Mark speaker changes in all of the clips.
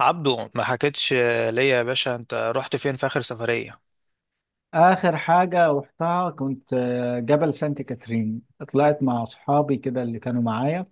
Speaker 1: عبدو ما حكيتش ليا يا باشا، انت رحت فين في اخر سفرية؟
Speaker 2: آخر حاجة رحتها كنت جبل سانت كاترين. طلعت مع أصحابي كده اللي كانوا معايا.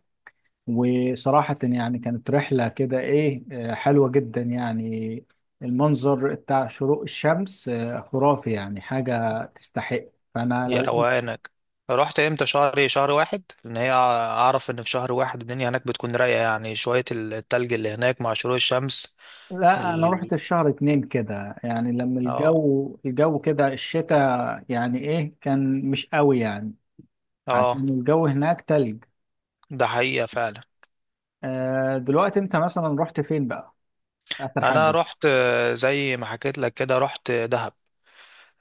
Speaker 2: وصراحة يعني كانت رحلة كده، إيه، حلوة جدا يعني. المنظر بتاع شروق الشمس خرافي، يعني حاجة تستحق. فأنا
Speaker 1: يا
Speaker 2: لو.
Speaker 1: روقانك، رحت امتى؟ شهر ايه؟ شهر واحد؟ ان هي اعرف ان في شهر واحد الدنيا هناك بتكون رايقة، يعني شوية التلج اللي هناك مع شروق الشمس.
Speaker 2: لا، أنا
Speaker 1: ال...
Speaker 2: رحت في شهر اتنين كده، يعني لما
Speaker 1: اه،
Speaker 2: الجو كده الشتاء، يعني إيه كان مش قوي يعني. عشان
Speaker 1: اه.
Speaker 2: الجو هناك تلج.
Speaker 1: ده حقيقة فعلا.
Speaker 2: دلوقتي أنت مثلا رحت فين بقى آخر
Speaker 1: انا
Speaker 2: حاجة؟
Speaker 1: رحت، زي ما حكيت لك كده، رحت دهب.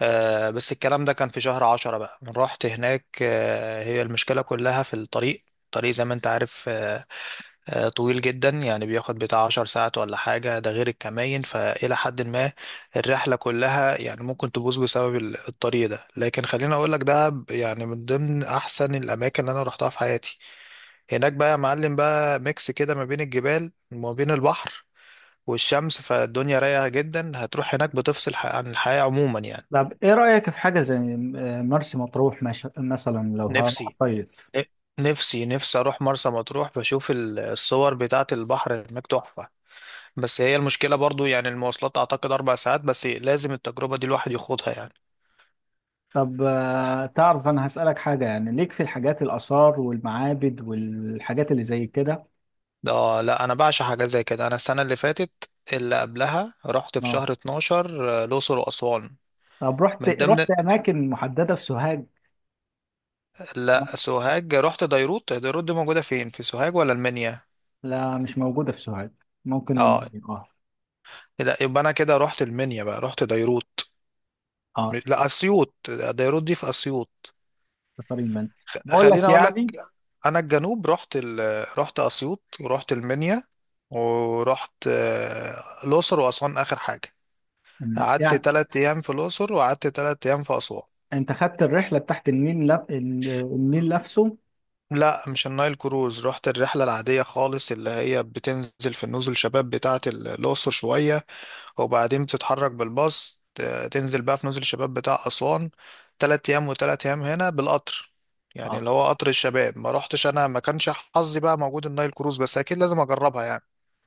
Speaker 1: آه، بس الكلام ده كان في شهر عشرة. بقى رحت هناك، آه، هي المشكلة كلها في الطريق. الطريق زي ما انت عارف، طويل جدا، يعني بياخد بتاع 10 ساعات ولا حاجة، ده غير الكماين، فإلى حد ما الرحلة كلها يعني ممكن تبوظ بسبب الطريق ده. لكن خليني أقولك، يعني من ضمن أحسن الأماكن اللي أنا روحتها في حياتي. هناك بقى يا معلم، بقى ميكس كده ما بين الجبال وما بين البحر والشمس، فالدنيا رايقة جدا. هتروح هناك بتفصل عن الحياة عموما يعني.
Speaker 2: طب ايه رأيك في حاجة زي مرسي مطروح مثلا لو
Speaker 1: نفسي
Speaker 2: هصيف؟
Speaker 1: نفسي أروح مرسى مطروح، بشوف الصور بتاعة البحر هناك تحفة. بس هي المشكلة برضو يعني المواصلات، أعتقد 4 ساعات، بس لازم التجربة دي الواحد يخوضها يعني.
Speaker 2: طب تعرف، انا هسألك حاجة، يعني ليك في الحاجات، الآثار والمعابد والحاجات اللي زي كده؟
Speaker 1: ده، لا، أنا بعشق حاجة زي كده. أنا السنة اللي فاتت اللي قبلها رحت في
Speaker 2: اه.
Speaker 1: شهر 12، الأقصر وأسوان.
Speaker 2: طب
Speaker 1: من
Speaker 2: رحت
Speaker 1: ضمن...
Speaker 2: رحت اماكن محددة في سوهاج؟
Speaker 1: لا، سوهاج رحت ديروت. ديروت دي موجودة فين، في سوهاج ولا المنيا؟
Speaker 2: لا، مش موجودة في سوهاج. ممكن
Speaker 1: اه.
Speaker 2: المنيا، اه.
Speaker 1: لا، يبقى أنا كده رحت المنيا. بقى رحت ديروت.
Speaker 2: اه.
Speaker 1: لا، أسيوط. ديروت دي في أسيوط.
Speaker 2: سفر المنيا. بقول
Speaker 1: خليني
Speaker 2: لك
Speaker 1: أقول
Speaker 2: يعني.
Speaker 1: لك، انا الجنوب رحت رحت اسيوط، ورحت المنيا، ورحت، الاقصر واسوان اخر حاجه.
Speaker 2: مم.
Speaker 1: قعدت
Speaker 2: يعني
Speaker 1: 3 ايام في الاقصر، وقعدت 3 ايام في اسوان.
Speaker 2: انت خدت الرحلة بتاعت النيل النيل نفسه؟
Speaker 1: لا، مش النايل كروز، رحت الرحلة العادية خالص، اللي هي بتنزل في النزل شباب بتاعة الأقصر شوية، وبعدين بتتحرك بالباص، تنزل بقى في نزل شباب بتاع أسوان. 3 أيام وتلات أيام هنا بالقطر، يعني
Speaker 2: اه.
Speaker 1: اللي هو قطر الشباب. ما رحتش أنا، ما كانش حظي بقى موجود النايل كروز، بس أكيد لازم أجربها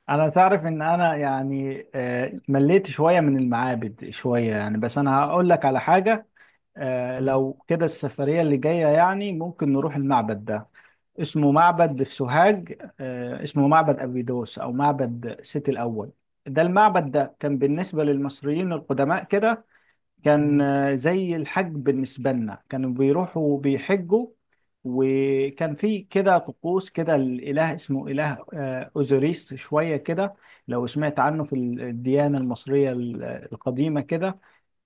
Speaker 2: انا تعرف ان انا يعني مليت شويه من المعابد، شويه يعني، بس انا هقول لك على حاجه.
Speaker 1: يعني.
Speaker 2: لو كده، السفريه اللي جايه يعني ممكن نروح المعبد ده، اسمه معبد في سوهاج اسمه معبد أبيدوس او معبد سيتي الاول. ده المعبد ده كان بالنسبه للمصريين القدماء كده، كان
Speaker 1: مم.
Speaker 2: زي الحج بالنسبة لنا، كانوا بيروحوا بيحجوا. وكان في كده طقوس كده، الإله اسمه إله أوزوريس شوية كده، لو سمعت عنه في الديانة المصرية القديمة كده.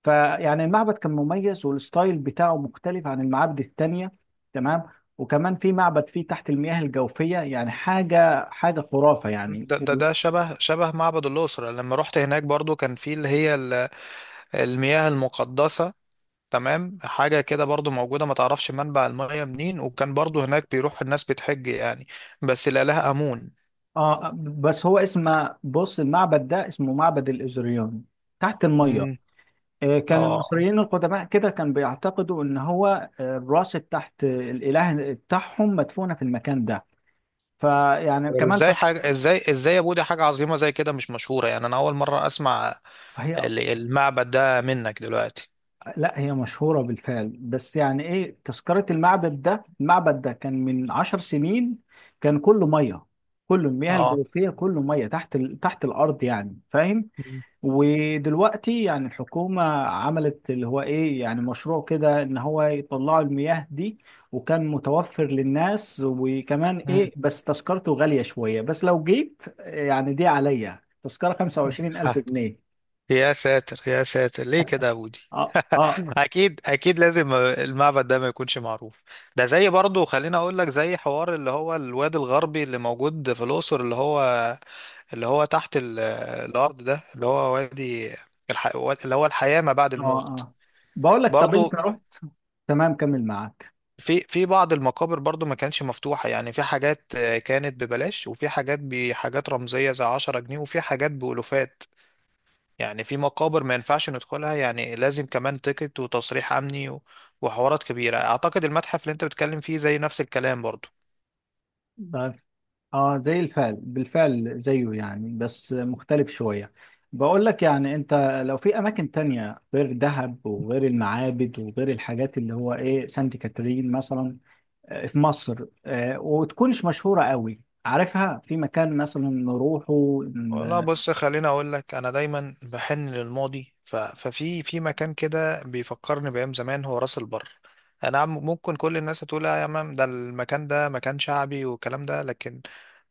Speaker 2: فيعني المعبد كان مميز، والستايل بتاعه مختلف عن المعابد التانية، تمام؟ وكمان في معبد فيه تحت المياه الجوفية، يعني حاجة حاجة خرافة يعني.
Speaker 1: ده شبه معبد الأقصر، لما رحت هناك برضو كان في اللي هي المياه المقدسة. تمام، حاجة كده برضو موجودة، ما تعرفش منبع المياه منين، وكان برضو هناك بيروح الناس بتحج يعني، بس الإله آمون.
Speaker 2: اه بس هو اسم، بص، المعبد ده اسمه معبد الإزريون، تحت المية.
Speaker 1: مم.
Speaker 2: كان
Speaker 1: اه،
Speaker 2: المصريين القدماء كده كان بيعتقدوا ان هو الراس تحت، الاله بتاعهم مدفونة في المكان ده. فيعني
Speaker 1: طب
Speaker 2: كمان
Speaker 1: ازاي حاجة ازاي يا بودي، حاجة عظيمة زي كده مش مشهورة؟ يعني أنا أول مرة أسمع
Speaker 2: هي
Speaker 1: المعبد ده منك دلوقتي.
Speaker 2: لا، هي مشهورة بالفعل، بس يعني ايه تذكرة المعبد ده، المعبد ده كان من عشر سنين، كان كله مية، كله المياه
Speaker 1: اه.
Speaker 2: الجوفية، كله مية تحت تحت الأرض يعني، فاهم؟
Speaker 1: مم.
Speaker 2: ودلوقتي يعني الحكومة عملت اللي هو ايه، يعني مشروع كده ان هو يطلعوا المياه دي، وكان متوفر للناس، وكمان
Speaker 1: مم.
Speaker 2: ايه بس تذكرته غالية شوية، بس لو جيت يعني دي عليا تذكرة 25000 جنيه
Speaker 1: يا ساتر، يا ساتر، ليه كده يا بودي؟
Speaker 2: اه اه
Speaker 1: اكيد، اكيد لازم المعبد ده ما يكونش معروف. ده زي برضه، خليني اقول لك، زي حوار اللي هو الواد الغربي اللي موجود في الاقصر، اللي هو اللي هو تحت الارض ده، اللي هو وادي الح... اللي هو الحياة ما بعد
Speaker 2: اه
Speaker 1: الموت.
Speaker 2: اه. بقول لك، طب انت
Speaker 1: برضه
Speaker 2: رحت؟ تمام، كمل معاك.
Speaker 1: في بعض المقابر برضه ما كانتش مفتوحة يعني. في حاجات، كانت ببلاش، وفي حاجات بحاجات رمزية زي 10 جنيه، وفي حاجات بألوفات يعني. في مقابر ما ينفعش ندخلها، يعني لازم كمان تيكت وتصريح امني وحوارات كبيره. اعتقد المتحف اللي انت بتتكلم فيه زي نفس الكلام برضو.
Speaker 2: اه زي الفعل، بالفعل زيه يعني، بس مختلف شوية. بقول لك، يعني انت، لو في اماكن تانية غير دهب وغير المعابد وغير الحاجات اللي هو ايه سانت كاترين مثلا في مصر وتكونش مشهورة قوي، عارفها، في مكان مثلا نروحه
Speaker 1: والله
Speaker 2: ن-
Speaker 1: بص، خليني اقول لك، انا دايما بحن للماضي، ف... ففي في مكان كده بيفكرني بايام زمان، هو راس البر. ممكن كل الناس هتقول آه يا مام، ده المكان ده مكان شعبي والكلام ده، لكن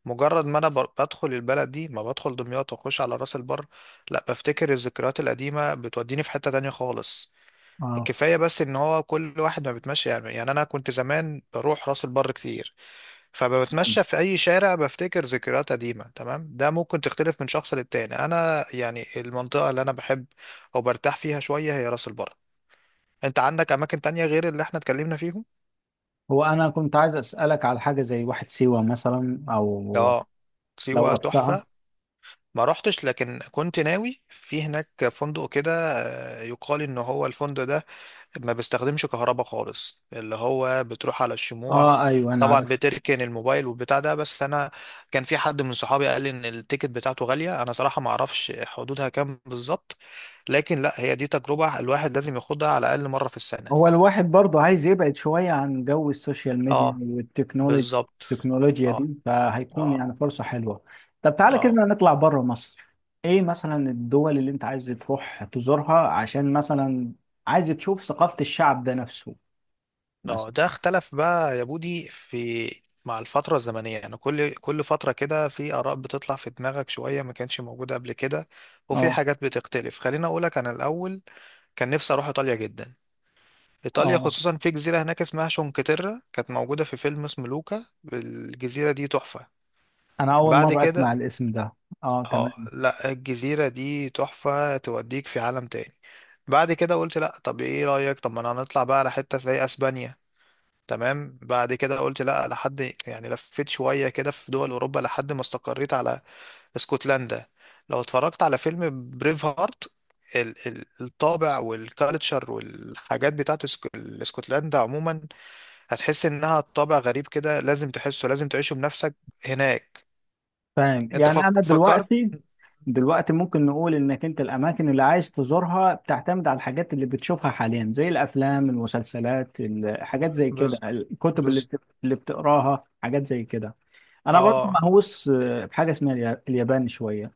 Speaker 1: مجرد ما انا بدخل البلد دي، ما بدخل دمياط واخش على راس البر، لا بفتكر الذكريات القديمه، بتوديني في حته تانية خالص.
Speaker 2: اه.
Speaker 1: كفاية بس ان هو كل واحد ما بيتمشى، يعني انا كنت زمان بروح راس البر كتير،
Speaker 2: نعم.
Speaker 1: فبتمشى في اي شارع بفتكر ذكريات قديمة. تمام، ده ممكن تختلف من شخص للتاني. انا يعني المنطقة اللي انا بحب او برتاح فيها شوية هي راس البر. انت عندك اماكن تانية غير اللي احنا اتكلمنا فيهم؟
Speaker 2: هو انا كنت عايز اسألك على حاجة زي واحد سيوة مثلا، او
Speaker 1: اه،
Speaker 2: لو
Speaker 1: سيوة
Speaker 2: رحتها.
Speaker 1: تحفة، ما رحتش، لكن كنت ناوي. في هناك فندق كده، يقال ان هو الفندق ده ما بستخدمش كهرباء خالص، اللي هو بتروح على الشموع.
Speaker 2: اه، ايوه انا
Speaker 1: طبعا
Speaker 2: عارف.
Speaker 1: بتركن الموبايل والبتاع ده. بس انا كان في حد من صحابي قال لي ان التيكت بتاعته غالية، انا صراحة ما اعرفش حدودها كام بالظبط. لكن لا، هي دي تجربة الواحد لازم ياخدها على الاقل مرة في السنة.
Speaker 2: هو الواحد برضه عايز يبعد شوية عن جو السوشيال ميديا
Speaker 1: اه،
Speaker 2: والتكنولوجيا،
Speaker 1: بالظبط.
Speaker 2: التكنولوجيا
Speaker 1: اه،
Speaker 2: دي، فهيكون
Speaker 1: اه.
Speaker 2: يعني فرصة حلوة. طب تعالى كده
Speaker 1: اه.
Speaker 2: نطلع بره مصر. ايه مثلا الدول اللي انت عايز تروح تزورها، عشان مثلا عايز تشوف ثقافة الشعب ده نفسه،
Speaker 1: اه.
Speaker 2: مثلا؟
Speaker 1: ده اختلف بقى يا بودي. في مع الفترة الزمنية يعني، كل فترة كده في آراء بتطلع في دماغك شوية ما كانتش موجودة قبل كده، وفي
Speaker 2: اه.
Speaker 1: حاجات بتختلف. خليني أقولك، أنا الأول كان نفسي أروح إيطاليا جدا. إيطاليا
Speaker 2: اه،
Speaker 1: خصوصا، في جزيرة هناك اسمها شونكتيرا، كانت موجودة في فيلم اسمه لوكا. الجزيرة دي تحفة.
Speaker 2: انا اول
Speaker 1: بعد
Speaker 2: مرة اسمع
Speaker 1: كده...
Speaker 2: الاسم ده. اه،
Speaker 1: اه،
Speaker 2: تمام.
Speaker 1: لا، الجزيرة دي تحفة، توديك في عالم تاني. بعد كده قلت لا، طب ايه رأيك، طب ما انا هنطلع بقى على حتة زي اسبانيا. تمام. بعد كده قلت لا، لحد، يعني لفيت شوية كده في دول أوروبا، لحد ما استقريت على اسكتلندا. لو اتفرجت على فيلم بريف هارت، الطابع والكالتشر والحاجات بتاعت اسكتلندا عموما، هتحس انها طابع غريب كده، لازم تحسه، لازم تعيشه بنفسك هناك.
Speaker 2: فاهم،
Speaker 1: انت
Speaker 2: يعني انا
Speaker 1: فكرت؟
Speaker 2: دلوقتي، دلوقتي ممكن نقول انك انت الاماكن اللي عايز تزورها بتعتمد على الحاجات اللي بتشوفها حاليا، زي الافلام، المسلسلات،
Speaker 1: ب-
Speaker 2: حاجات زي كده،
Speaker 1: بز
Speaker 2: الكتب اللي
Speaker 1: بز
Speaker 2: اللي بتقراها، حاجات زي كده. انا برضو
Speaker 1: اه.
Speaker 2: مهووس بحاجه اسمها اليابان شويه،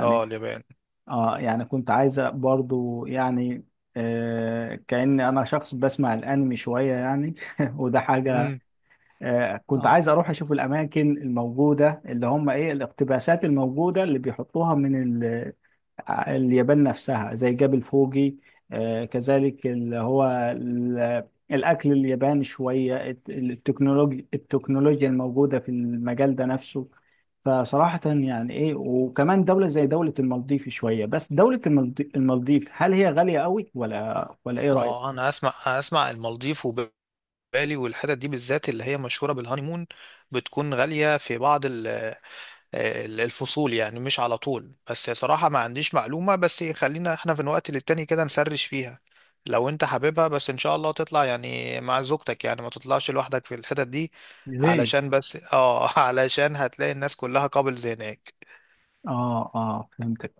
Speaker 1: اه، اليابان.
Speaker 2: اه يعني، كنت عايزه برضو يعني كأني انا شخص بسمع الانمي شويه يعني وده حاجه.
Speaker 1: مم.
Speaker 2: كنت
Speaker 1: اه.
Speaker 2: عايز اروح اشوف الاماكن الموجوده، اللي هم ايه، الاقتباسات الموجوده اللي بيحطوها من اليابان نفسها زي جبل فوجي، كذلك اللي هو ال- الأكل الياباني شوية، التكنولوجيا الموجودة في المجال ده نفسه. فصراحة يعني إيه، وكمان دولة زي دولة المالديف شوية، بس دولة المالديف، هل هي غالية قوي ولا إيه
Speaker 1: اه،
Speaker 2: رأيك؟
Speaker 1: انا اسمع، المالديف، بالي، والحتت دي بالذات اللي هي مشهورة بالهانيمون. بتكون غالية في بعض الفصول، يعني مش على طول. بس صراحة ما عنديش معلومة، بس خلينا احنا في الوقت للتاني كده نسرش فيها لو انت حاببها. بس ان شاء الله تطلع يعني مع زوجتك، يعني ما تطلعش لوحدك في الحتت دي.
Speaker 2: ليه؟
Speaker 1: علشان، بس اه، علشان هتلاقي الناس كلها قابلز هناك.
Speaker 2: آه آه، فهمتك.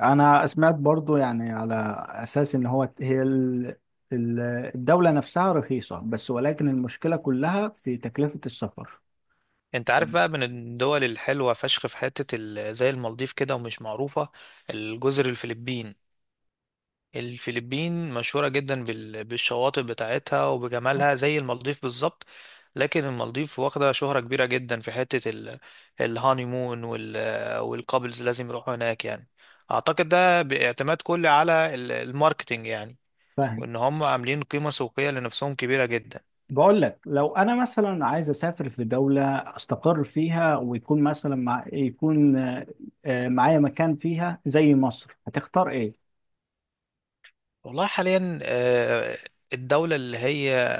Speaker 2: انا سمعت برضو يعني، على اساس ان هو هي ال- الدولة نفسها رخيصة بس، ولكن المشكلة كلها في تكلفة السفر.
Speaker 1: انت عارف بقى، من الدول الحلوة فشخ في حتة زي المالديف كده ومش معروفة، الجزر الفلبين. الفلبين مشهورة جدا بالشواطئ بتاعتها وبجمالها، زي المالديف بالظبط. لكن المالديف واخدة شهرة كبيرة جدا في حتة الهانيمون والكابلز لازم يروحوا هناك يعني. أعتقد ده باعتماد كلي على الماركتينج يعني،
Speaker 2: فاهم.
Speaker 1: وإن هم عاملين قيمة سوقية لنفسهم كبيرة جدا.
Speaker 2: بقول لك لو انا مثلا عايز اسافر في دولة استقر فيها، ويكون مثلا، مع يكون معايا مكان فيها زي مصر، هتختار ايه؟
Speaker 1: والله حاليا، الدولة اللي هي...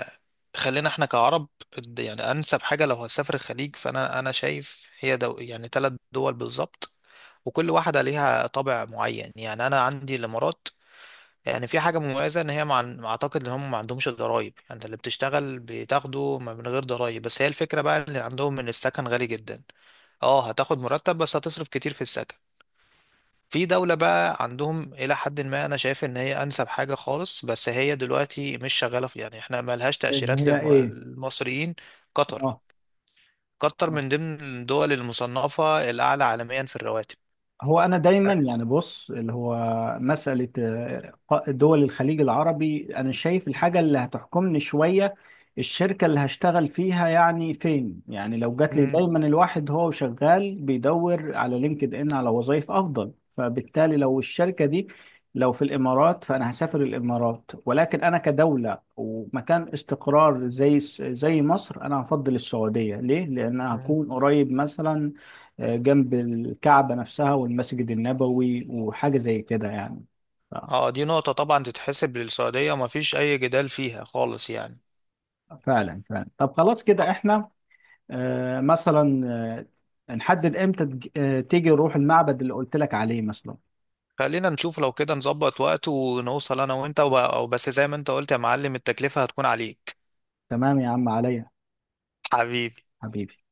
Speaker 1: خلينا احنا كعرب، يعني انسب حاجه لو هتسافر الخليج، فانا شايف هي دو، يعني 3 دول بالظبط، وكل واحده ليها طابع معين. يعني انا عندي الامارات، يعني في حاجه مميزه ان هي مع... اعتقد ان هم ما عندهمش ضرايب، يعني اللي بتشتغل بتاخده من غير ضرايب، بس هي الفكره بقى اللي عندهم ان السكن غالي جدا. اه، هتاخد مرتب بس هتصرف كتير في السكن. في دولة بقى عندهم إلى حد ما أنا شايف إن هي أنسب حاجة خالص، بس هي دلوقتي مش شغالة، في يعني إحنا ملهاش
Speaker 2: اللي
Speaker 1: تأشيرات
Speaker 2: هي ايه؟
Speaker 1: للمصريين. قطر.
Speaker 2: اه.
Speaker 1: قطر من ضمن الدول المصنفة الأعلى عالميا في الرواتب.
Speaker 2: هو انا دايما يعني، بص، اللي هو مساله دول الخليج العربي، انا شايف الحاجه اللي هتحكمني شويه الشركه اللي هشتغل فيها يعني فين، يعني لو جات لي.
Speaker 1: مم.
Speaker 2: دايما الواحد هو شغال بيدور على لينكد ان على وظائف افضل، فبالتالي لو الشركه دي لو في الامارات، فانا هسافر الامارات، ولكن انا كدوله ومكان استقرار زي زي مصر انا هفضل السعوديه، ليه، لان
Speaker 1: مم.
Speaker 2: هكون قريب مثلا جنب الكعبة نفسها والمسجد النبوي وحاجة زي كده يعني. ف-
Speaker 1: اه، دي نقطة طبعا تتحسب للسعودية، ومفيش أي جدال فيها خالص يعني.
Speaker 2: فعلا فعلا. طب خلاص
Speaker 1: آه،
Speaker 2: كده احنا مثلا نحدد امتى تيجي نروح المعبد اللي قلت لك عليه مثلا.
Speaker 1: خلينا نشوف، لو كده نظبط وقت ونوصل أنا وأنت، بس زي ما أنت قلت يا معلم التكلفة هتكون عليك.
Speaker 2: تمام يا عم، عليا.
Speaker 1: حبيبي.
Speaker 2: حبيبي.